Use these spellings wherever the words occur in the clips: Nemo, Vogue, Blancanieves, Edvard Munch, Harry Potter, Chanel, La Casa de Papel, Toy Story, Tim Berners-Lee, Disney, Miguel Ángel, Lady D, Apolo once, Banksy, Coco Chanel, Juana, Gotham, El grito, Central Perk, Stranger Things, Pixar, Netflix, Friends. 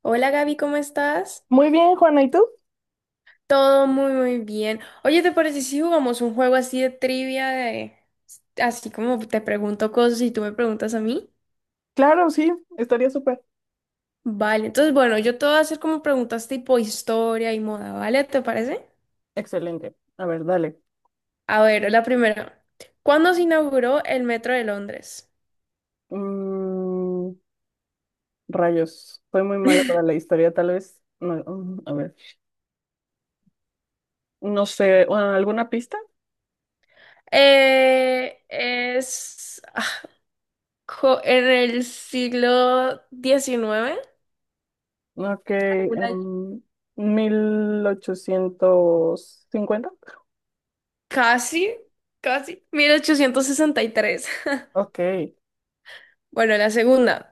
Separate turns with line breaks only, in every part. Hola Gaby, ¿cómo estás?
Muy bien, Juana, ¿y tú?
Todo muy muy bien. Oye, ¿te parece si jugamos un juego así de trivia de así como te pregunto cosas y tú me preguntas a mí?
Claro, sí, estaría súper.
Vale, entonces bueno, yo te voy a hacer como preguntas tipo historia y moda, ¿vale? ¿Te parece?
Excelente. A ver, dale.
A ver, la primera. ¿Cuándo se inauguró el metro de Londres?
Mm, Rayos, soy muy mala para la historia, tal vez. No, a ver, no sé, bueno, ¿alguna pista?
Es co- en el siglo XIX,
Ok,
algún año-
1850.
casi, casi, 1863.
Ok.
Bueno, la segunda.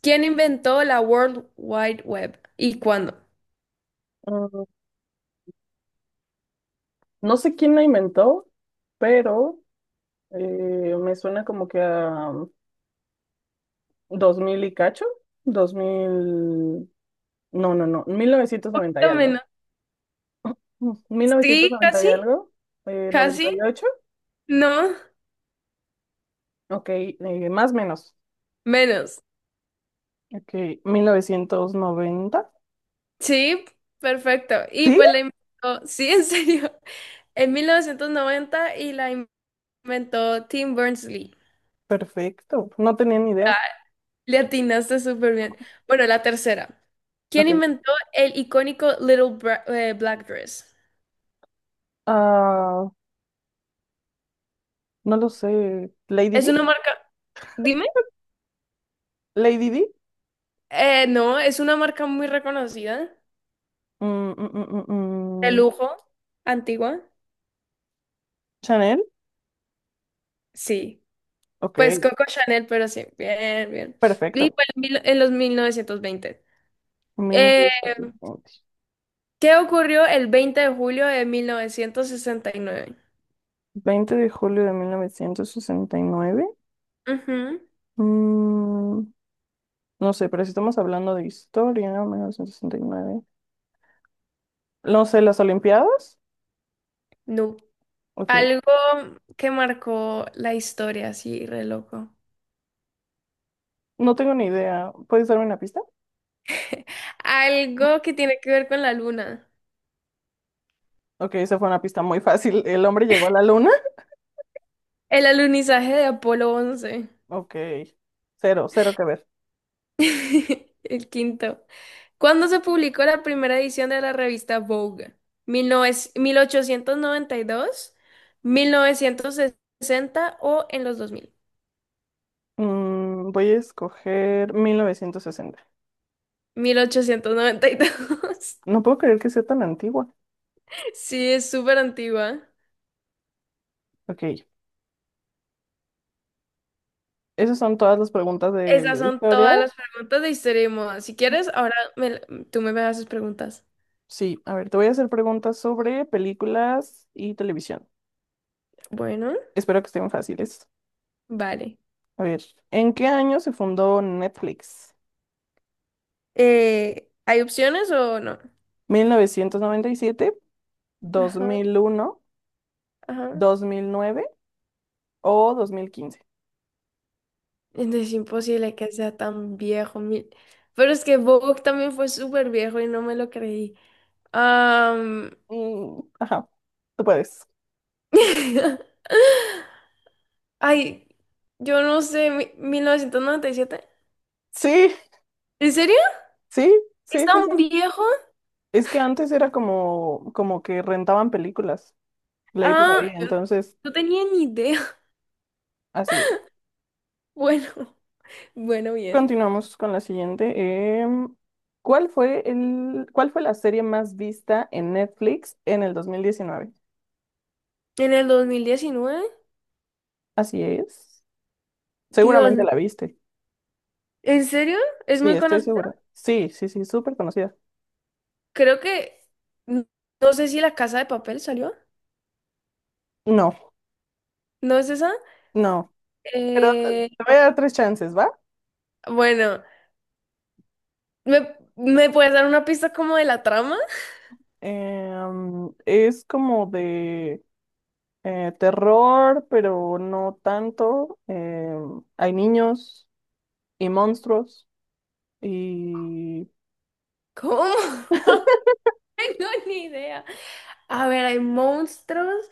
¿Quién inventó la World Wide Web y cuándo?
mm, no sé quién la inventó, pero me suena como que a 2000 y cacho, 2000 no, no, no, 1990 y
Lo
algo.
menos.
Mil novecientos
Sí,
noventa y
casi,
algo,
casi,
98,
no,
ok, más o menos,
menos.
ok, 1990
Sí, perfecto. Y
sí,
pues la inventó, sí, en serio, en 1990 y la inventó Tim Berners-Lee.
perfecto, no tenía ni idea,
Le atinaste súper bien. Bueno, la tercera. ¿Quién
ok,
inventó el icónico Black Dress?
ah, no lo sé, Lady
Es
D,
una marca. Dime.
Lady D.
No, es una marca muy reconocida.
Mm, mm, mm, mm,
De
mm,
lujo, antigua,
Chanel,
sí.
ok,
Pues Coco Chanel, pero sí, bien, bien. Y
perfecto,
fue en, mil- en los 1920.
mil
Eh,
novecientos veinte.
¿Qué ocurrió el 20 de julio de
Veinte de julio de mil novecientos sesenta y nueve.
1969? Ujú,
mm, no sé, pero si estamos hablando de historia, 1969 no sé, las Olimpiadas.
no.
Ok,
Algo que marcó la historia, así, re loco.
no tengo ni idea. ¿Puedes darme una pista?
Algo que tiene que ver con la luna.
Ok, esa fue una pista muy fácil. ¿El hombre llegó a la luna?
El alunizaje de Apolo once.
Ok, cero, cero que ver.
El quinto. ¿Cuándo se publicó la primera edición de la revista Vogue? Mil ochocientos noventa y dos, mil novecientos sesenta o en los dos mil.
Voy a escoger 1960.
Mil ochocientos noventa y dos.
No puedo creer que sea tan antigua.
Sí, es súper antigua.
Ok, esas son todas las preguntas de
Esas son
historia.
todas las preguntas de historia y moda. Si quieres, ahora me la- tú me haces preguntas.
Sí, a ver, te voy a hacer preguntas sobre películas y televisión.
Bueno,
Espero que estén fáciles.
vale.
A ver, ¿en qué año se fundó Netflix?
¿Hay opciones o no?
Mil novecientos noventa y siete, dos
Ajá,
mil uno,
ajá.
dos mil nueve. O 2015.
Es imposible que sea tan viejo. Mi- pero es que Vogue también fue súper viejo y no me lo creí. Am,
Ajá, tú puedes.
Ay, yo no sé, mi- mil novecientos noventa y siete.
Sí,
¿En serio?
sí,
¿Es
sí, sí,
tan
sí.
viejo?
Es que antes era como, como que rentaban películas. Leí por ahí,
Ah, yo
entonces,
no tenía ni idea.
así es.
Bueno, bueno, bien.
Continuamos con la siguiente. ¿Cuál fue cuál fue la serie más vista en Netflix en el dos mil diecinueve?
¿En el dos mil diecinueve?
Así es. Seguramente
Dios,
la viste.
¿en serio? ¿Es
Sí,
muy
estoy
conocido?
segura. Sí, sí, sí, súper conocida.
Creo que... n- no sé si La Casa de Papel salió.
No,
¿No es esa?
no. Pero te
Eh,
te voy a dar tres chances, ¿va?
bueno. ¿Me, me puedes dar una pista como de la trama?
Es como de terror, pero no tanto. Em, hay niños y monstruos y
¿Cómo? No tengo ni idea. A ver, hay monstruos,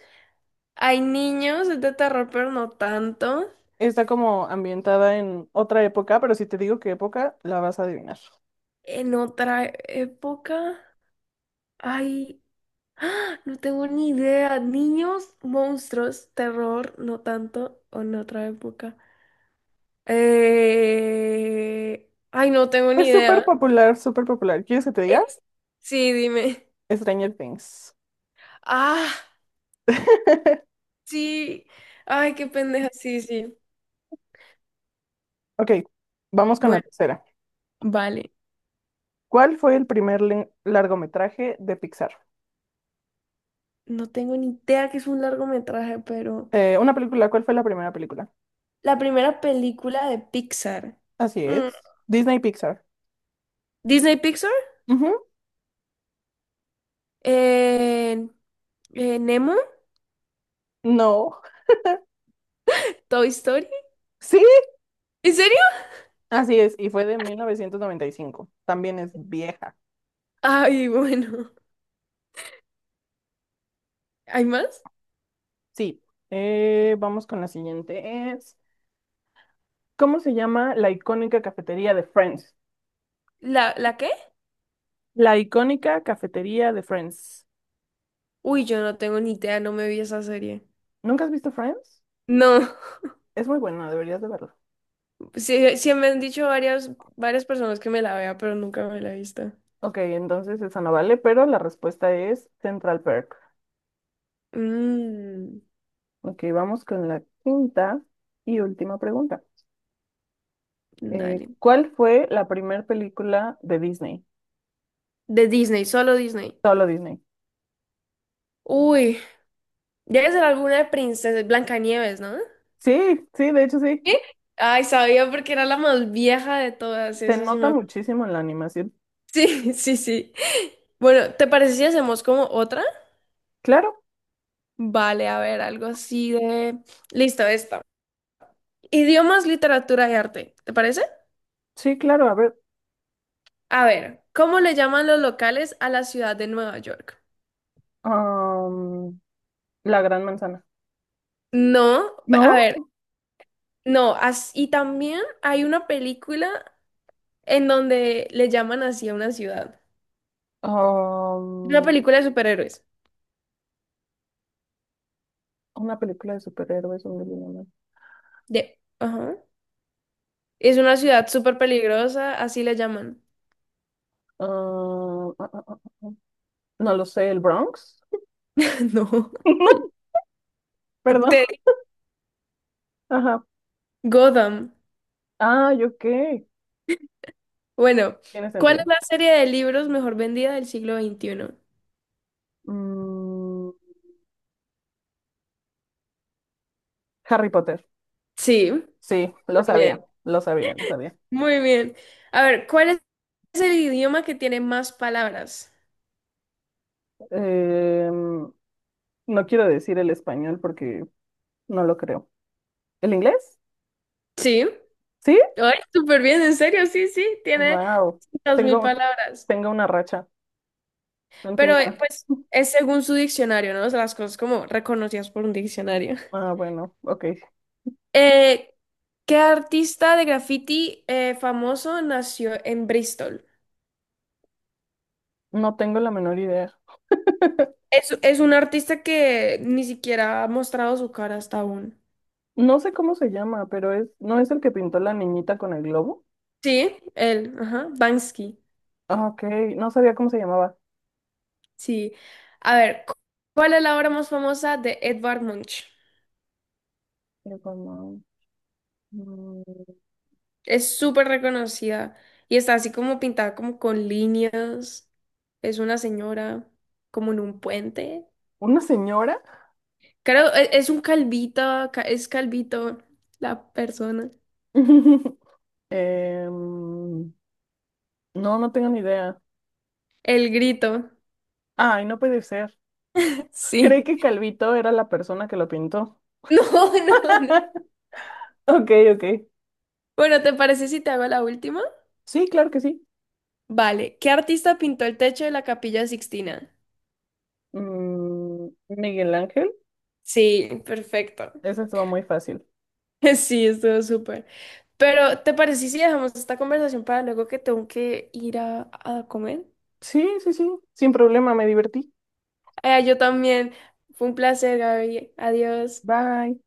hay niños, es de terror, pero no tanto.
está como ambientada en otra época, pero si te digo qué época, la vas a adivinar.
En otra época hay... ¡Ah! No tengo ni idea. Niños, monstruos, terror, no tanto, o en otra época. Ay, no tengo ni
Es súper
idea.
popular, súper popular. ¿Quieres que te diga?
Es- sí, dime.
Stranger Things.
Ah, sí. Ay, qué pendeja. Sí, sí.
Ok, vamos con la
Bueno,
tercera.
vale,
¿Cuál fue el primer largometraje de Pixar?
no tengo ni idea que es un largometraje, pero
Una película, ¿cuál fue la primera película?
la primera película de Pixar.
Así
Mm,
es. Disney Pixar.
¿Disney Pixar? Eh, ¿Nemo?
No,
¿Toy Story?
sí,
¿En serio?
así es, y fue de 1995. También es vieja,
Ay, bueno. ¿Hay más?
sí. Vamos con la siguiente, es, ¿cómo se llama la icónica cafetería de Friends?
¿La, la qué?
La icónica cafetería de Friends.
Uy, yo no tengo ni idea, no me vi esa serie.
¿Nunca has visto Friends?
No,
Es muy buena, deberías de verlo.
sí, sí me han dicho varias personas que me la vea, pero nunca me la he visto.
Ok, entonces esa no vale, pero la respuesta es Central Perk.
Mm,
Ok, vamos con la quinta y última pregunta.
dale.
¿Cuál fue la primera película de Disney?
De Disney, solo Disney.
Solo Disney.
Uy, debe ser alguna de princesas, Blancanieves, ¿no?
Sí, sí, de hecho sí.
¿Qué? Ay, sabía porque era la más vieja de todas,
Se
eso sí
nota
me...
muchísimo en la animación.
Sí, sí, sí. Bueno, ¿te parece si hacemos como otra?
Claro,
Vale, a ver, algo así de... Listo, esta. Idiomas, literatura y arte, ¿te parece?
sí, claro. A ver,
A ver, ¿cómo le llaman los locales a la ciudad de Nueva York?
am, La Gran Manzana.
No,
¿No?
a ver, no, as- y también hay una película en donde le llaman así a una ciudad. Una
Am,
película de superhéroes.
una película de superhéroes, un dilema.
De, ajá. Es una ciudad súper peligrosa, así le llaman.
Ah, ah, ah, ah, no lo sé, El Bronx.
No.
Perdón.
De
Ajá.
Gotham.
Ah, yo qué.
Bueno,
Tiene
¿cuál es
sentido.
la serie de libros mejor vendida del siglo XXI?
Mm, Harry Potter.
Sí, muy
Sí, lo
bien,
sabía, lo sabía, lo sabía.
muy bien. A ver, ¿cuál es el idioma que tiene más palabras?
Em, no quiero decir el español porque no lo creo. ¿El inglés?
Sí.
Sí,
Ay, súper bien, en serio, sí, sí, tiene
wow,
2000
tengo,
palabras.
tengo una racha, no
Pero
entiendo.
pues es según su diccionario, ¿no? O sea, las cosas como reconocidas por un diccionario.
Ah, bueno, ok,
Eh, ¿Qué artista de graffiti famoso nació en Bristol?
no tengo la menor idea.
Es un artista que ni siquiera ha mostrado su cara hasta aún.
No sé cómo se llama, pero es, ¿no es el que pintó la niñita con el globo?
Sí, él, ajá, Banksy.
Ah, ok, no sabía cómo se llamaba.
Sí. A ver, cu- ¿cuál es la obra más famosa de Edvard Munch?
Era como, mm,
Es súper reconocida y está así como pintada como con líneas. Es una señora como en un puente.
¿una señora?
Creo, e- es un calvito, ca- es calvito la persona.
Em, no, no tengo ni idea.
El grito.
Ay, no puede ser. Creí
Sí.
que Calvito era la persona que lo pintó.
No, no, no.
Ok, ok.
Bueno, ¿te parece si te hago la última?
Sí, claro que sí.
Vale, ¿qué artista pintó el techo de la Capilla Sixtina?
Miguel Ángel,
Sí, perfecto.
esa estuvo muy fácil.
Sí, estuvo súper. Pero, ¿te parece si dejamos esta conversación para luego que tengo que ir a comer?
Sí, sí, sí, sin problema, me divertí.
Yo también. Fue un placer, Gaby. Adiós.
Bye.